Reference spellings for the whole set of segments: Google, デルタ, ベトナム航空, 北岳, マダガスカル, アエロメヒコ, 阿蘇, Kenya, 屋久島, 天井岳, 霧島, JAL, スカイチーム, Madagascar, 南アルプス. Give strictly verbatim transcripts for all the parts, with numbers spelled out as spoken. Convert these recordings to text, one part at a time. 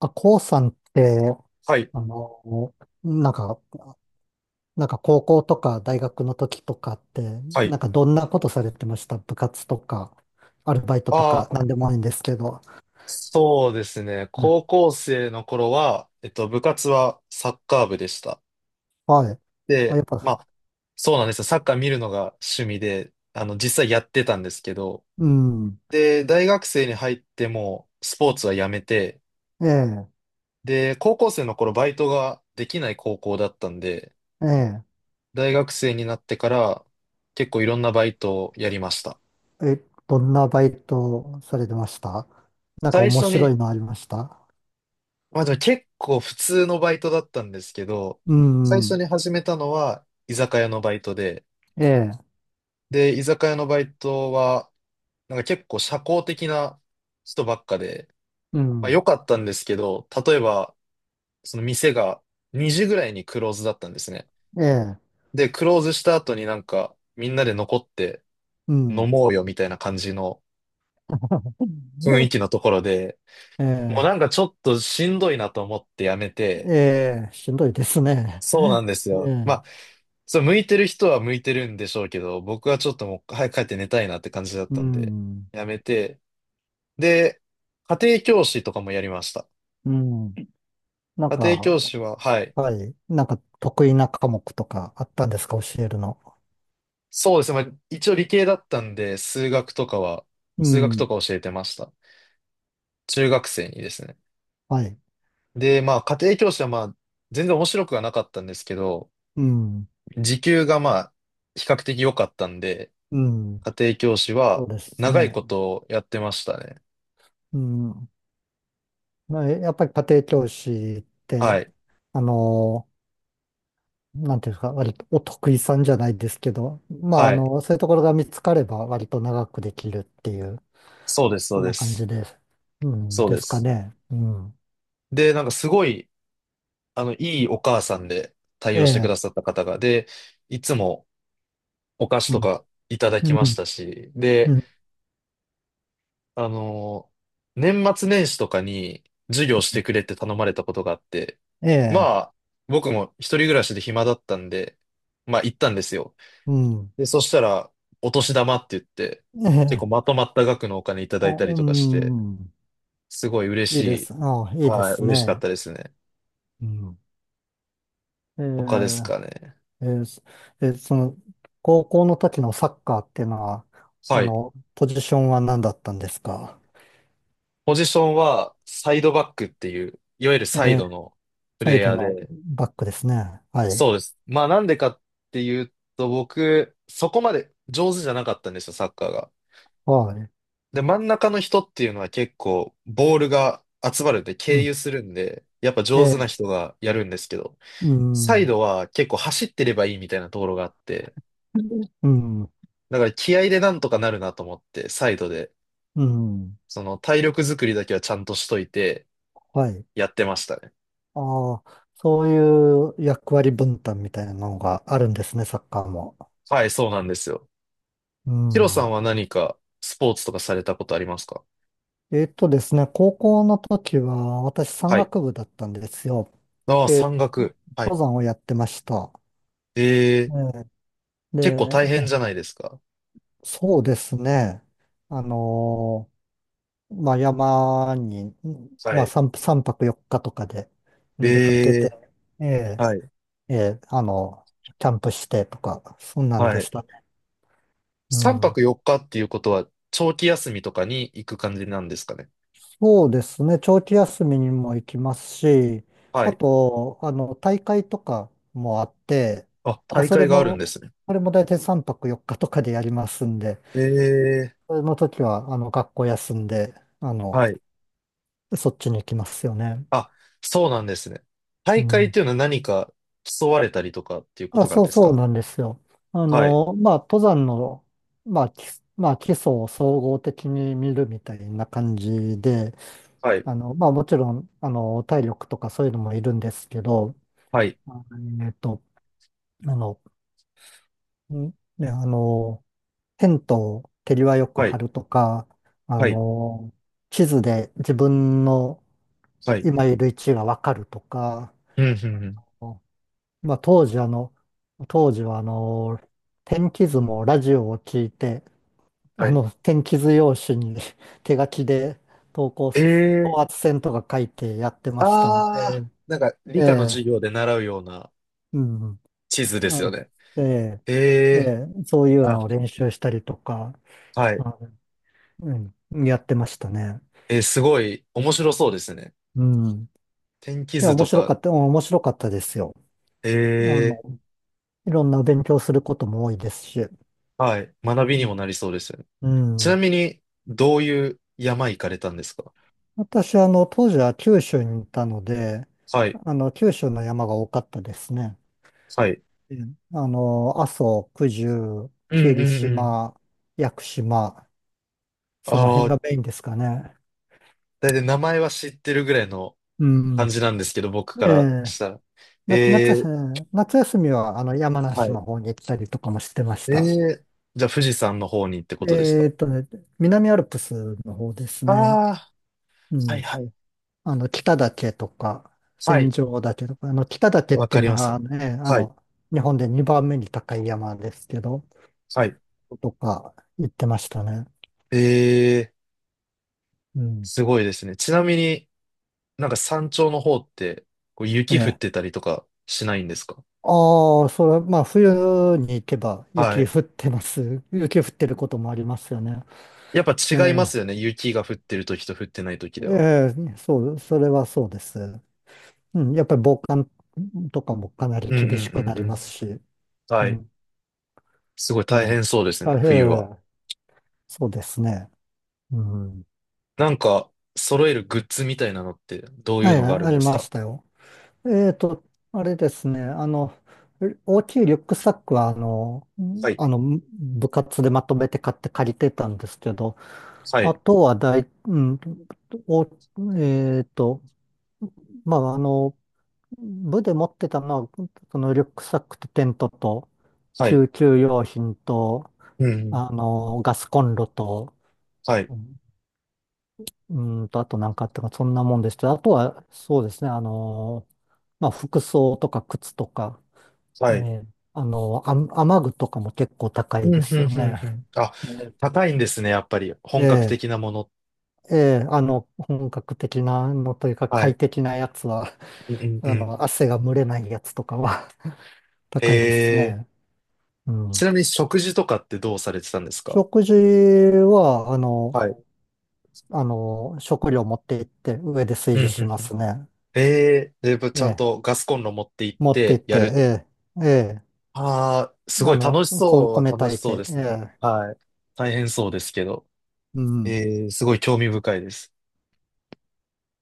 あ、こうさんって、はい。あの、なんか、なんか高校とか大学の時とかって、はない。んかどんなことされてました？部活とか、アルバイトとあか、あ、なんでもいいんですけど。そうですね。うん。高校生の頃は、えっと、部活はサッカー部でした。はい。あ、で、やっまぱ。あ、そうなんですよ。サッカー見るのが趣味で、あの、実際やってたんですけど、うん。で、大学生に入ってもうスポーツはやめて、ええ、で、高校生の頃バイトができない高校だったんで、え大学生になってから結構いろんなバイトをやりました。え、え、どんなバイトされてました？なんか最面初白にいのありました？まあでも結構普通のバイトだったんですけど、う最初ん。に始めたのは居酒屋のバイトで、ええ、で、居酒屋のバイトは、なんか結構社交的な人ばっかで、うまあん。良かったんですけど、例えば、その店がにじぐらいにクローズだったんですね。ええ、で、クローズした後になんかみんなで残ってう飲ん。もうよみたいな感じの雰囲 気のところで、えもうえ、なんかちょっとしんどいなと思ってやめて、ええ、しんどいですね。そうなんです えよ。まあえ。そう、向いてる人は向いてるんでしょうけど、僕はちょっともう早く帰って寝たいなって感じだっうたんで、ん。やめて。で、家庭教師とかもやりました。うん。なん家庭教か、師は、はい。はい。なんか得意な科目とかあったんですか？教えるの？そうですね。まあ、一応理系だったんで、数学とかは、う数学とん。か教えてました。中学生にですね。はい。で、まあ、家庭教師はまあ、全然面白くはなかったんですけど、うん。時給がまあ、比較的良かったんで、うん。家庭教師そはうです長いね。ことやってましたね。うん。まあ、やっぱり家庭教師っはて、い。あの、なんていうんですか、割とお得意さんじゃないですけど、まあ、あはい。の、そういうところが見つかれば割と長くできるっていう、そうです、そそうんでな感じす。です。うん。そうでですかす。ね。うん。で、なんかすごい、あの、いいお母さんで対え応してくえ。ださった方が、で、いつもお菓子うとん。かいただきうましん。たし、うで、ん、あの、年末年始とかに授業してくれって頼まれたことがあって、えまえ。あ、僕も一人暮らしで暇だったんで、まあ行ったんですよ。うん。で、そしたら、お年玉って言って、え結構え。まとまった額のお金いたあ、だいたりうとかして、ん。すごい嬉しいいでい。す。あ、いいではい、す嬉しかっね。たですね。うん。え他ですー、かね。えーそえーその、高校の時のサッカーっていうのは、あはい。の、ポジションは何だったんですか？ポジションはサイドバックっていう、いわゆるえサイー、ドのプサレイイドヤーので、バックですね。はい。そうです。まあなんでかっていうと、僕、そこまで上手じゃなかったんですよ、サッカーが。はい。で、真ん中の人っていうのは結構、ボールが集まるんで、う経ん。由するんで、やっぱえ上手なー、人がやるんですけど、うサイん。ドは結構走ってればいいみたいなところがあって、うん。だから気合でなんとかなるなと思って、サイドで、うん。その体力作りだけはちゃんとしといてはい。やってましたね。ああ、そういう役割分担みたいなのがあるんですね、サッカーも。はい、そうなんですよ。うヒロさん。んは何かスポーツとかされたことありますか？えっとですね、高校の時は私山はい。岳部だったんですよ。ああ、で、山岳。は登い。山をやってました。えー、ええ。結構大で、変じゃないですか？そうですね。あのーまあ、山に、んはまあ、い。さん、三泊よっかとかでん出かけて、ええー、え、はい。ええ、あの、キャンプしてとか、そんなんではしい。たね。う3ん。泊よっかっかっていうことは、長期休みとかに行く感じなんですかね？そうですね。長期休みにも行きますし、はあい。と、あの、大会とかもあって、あ、まあ、大そ会れがあるんでも、すね。あれも大体さんぱくよっかとかでやりますんで、えそれの時は、あの、学校休んで、あー、の、はい。そっちに行きますよね。あ、そうなんですね。う大会っん。ていうのは何か競われたりとかっていうこあ、となんそうですそうか？なんですよ。あはい。の、まあ、登山の、まあ、基まあ、基礎を総合的に見るみたいな感じで、はい。あの、まあ、もちろん、あの、体力とかそういうのもいるんですけど、はい。あえっと、あの、んで、あの、テントを手際よくは張い。るとか、あはい。の、地図で自分のはい。今いる位置がわかるとか、うん、うん、うん。まあ、当時あの、当時はあの、天気図もラジオを聞いて、あはい。の、天気図用紙に 手書きで投稿えす、ー高圧線とか書いてやってましたのあで、あ、なんかえ理科のえ、授業で習うようなうん、地図ですあよの、ね。ええ、えええ、え、そういうあ、のを練習したりとか、はい。あのうん、やってましたね。えー、すごい面白そうですね。うん。い天気や、図面と白かか、った。うん、面白かったですよ。えあの、え、いろんな勉強することも多いですし。はい。学びにもなりそうですよね。うちなん。みに、どういう山行かれたんですか？私、あの、当時は九州にいたので、はい。あの、九州の山が多かったですね。はい。うん。あの、阿蘇、九十、うんう霧んうん。島、屋久島、そのあ辺あ、がメインですかね。だいたい名前は知ってるぐらいのう感ん。じなんですけど、僕かえらえ。したら。な、夏え休え、み、夏休みは、あの、山は梨い。の方に行ったりとかもしてましえた。え、じゃあ富士山の方にってことですえか？ーっとね、南アルプスの方ですあね。あうー、はいん。はい。あの、北岳とか、は天井い。岳とか、あの、北岳っわてかいうりのます。がね、あはい。の、日本でにばんめに高い山ですけど、はい。とか言ってましたね。えー、うん。すごいですね。ちなみになんか山頂の方ってこうえ雪降っえ。てたりとかしないんですか？ああ、それ、まあ、冬に行けばは雪い。降ってます。雪降ってることもありますよね。やっぱえ違いまえ、すよね。雪が降ってる時と降ってない時では。ええ、そう、それはそうです。うん。やっぱり防寒とかもかなりうんうんう厳しくなりんうん。ますし。うはい。ん。すごいえ大え、変そうですあ、ね、え冬は。え、そうですね。うん。なんか揃えるグッズみたいなのってどういはうい、のがあるあんりですましか？たよ。えっと、あれですね、あの、大きいリュックサックは、あの、はい。あの、部活でまとめて買って借りてたんですけど、はあい。とは大、うん、お、えっと、まあ、あの、部で持ってたのは、そのリュックサックとテントと、はい。救急用品と、うんうん。あの、ガスコンロと、はい。うーんと、あと何かあったか、そんなもんでした。あとは、そうですね、あのーまあ、服装とか靴とか、えはい。ーあのーあ、雨具とかも結構高ういんうでんすようんね。うん。あ、ね、高いんですね、やっぱり。え本格え、的なもの。ええ、あの、本格的なのというか、は快い。適なやつは、うんうん うあん。の、汗が蒸れないやつとかは へ高いですえ。ね。うちん。なみに食事とかってどうされてたんですか？食事は、あの、はい。あの、食料持って行って、上で炊うん事うしんまうん。すね。へえ、で、ぶえちゃんえ、とガスコンロ持って行っ持って行てって、やる。ええ、ええ。ああ、すごあいの、楽しこ、そうは米楽炊しいそうでて、えすね。え、はい。大変そうですけど。うん、えーすごい興味深いです。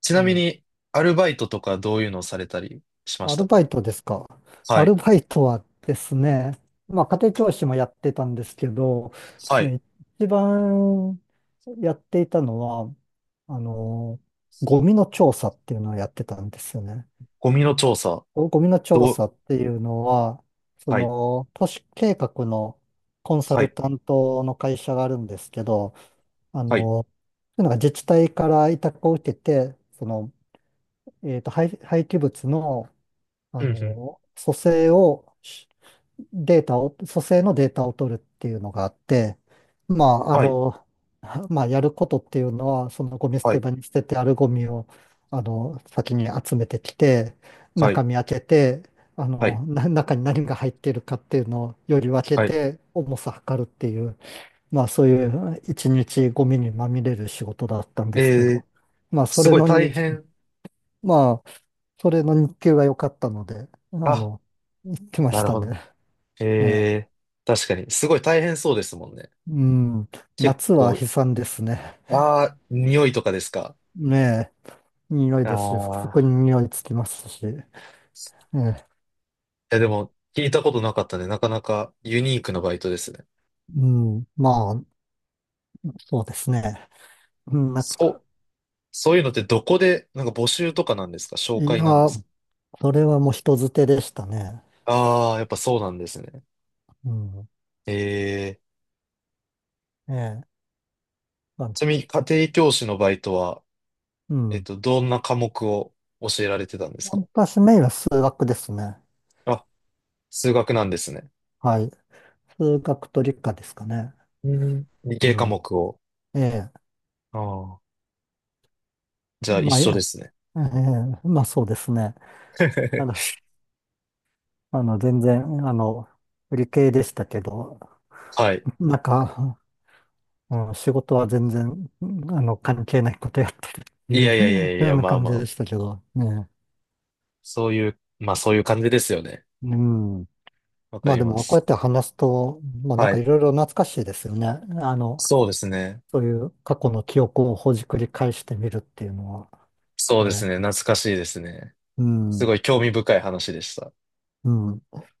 ちえなみえ、に、アルバイトとかどういうのをされたりしまアしたルバか？イトですか？はアルい。バイトはですね、まあ、家庭教師もやってたんですけど、はい。ね、一番やっていたのは、あの、ゴミの調査っていうのをやってたんですよね。ゴミの調査。ゴゴミの調どう、査っていうのは、そはい。の、都市計画のコンサはルい。担当の会社があるんですけど、あはい。の、なんか自治体から委託を受けて、その、えっと、廃、廃棄物の、あうんうん。の、組成を、しデータを、組成のデータを取るっていうのがあって、まあ、あはい。の、はまあ、やることっていうのは、そのゴミ捨はてい。場に捨ててあるゴミを、あの、先に集めてきて、は中い。身開けて、あはい。の、な、中に何が入っているかっていうのをより分けはい。て、重さ測るっていう、まあ、そういう一日ゴミにまみれる仕事だったんでえすけえ、ど、まあ、そすれごいの大に、変。まあ、それの日給が良かったので、ああ、の、行きまなしるたほね。ど。えええ、え、確かに。すごい大変そうですもんね。うん、結夏は構、悲惨ですね。ああ、匂いとかですか？ねえ、匂いあですし、服あ服ー。に匂いつきますし。ええ、いや、でも、聞いたことなかったね。なかなかユニークなバイトですね。うん、まあ、そうですね。うん。な、そう、そういうのってどこで、なんか募集とかなんですか？い紹や、介なんですか？それはもう人づてでしたね。ああー、やっぱそうなんですね。うん、ええ。ええ、まあのちなみに、家庭教師のバイトは、うえっん。と、どんな科目を教えられてたんですか？私メインは数学ですね。あ、数学なんですね。はい。数学と理科ですかね。うん。理う系科ん。目を。ええ、ああ、じゃあ一まあ、い緒でや、すね。ええ、まあ、そうですね。あの あの、全然、あの、理系でしたけど、はい。なんか、うん、仕事は全然、あの、関係ないことやってるっていいやう、いやいやいようや、なまあ感まじあ、でしたけど、ね。そういう、まあそういう感じですよね。うん。わかまありでまも、こうやっす。て話すと、まあなんはかいい。ろいろ懐かしいですよね。あの、そうですね。そういう過去の記憶をほじくり返してみるっていうのは、そうですね。ね。懐かしいですね。うすん。ごい興味深い話でした。うん。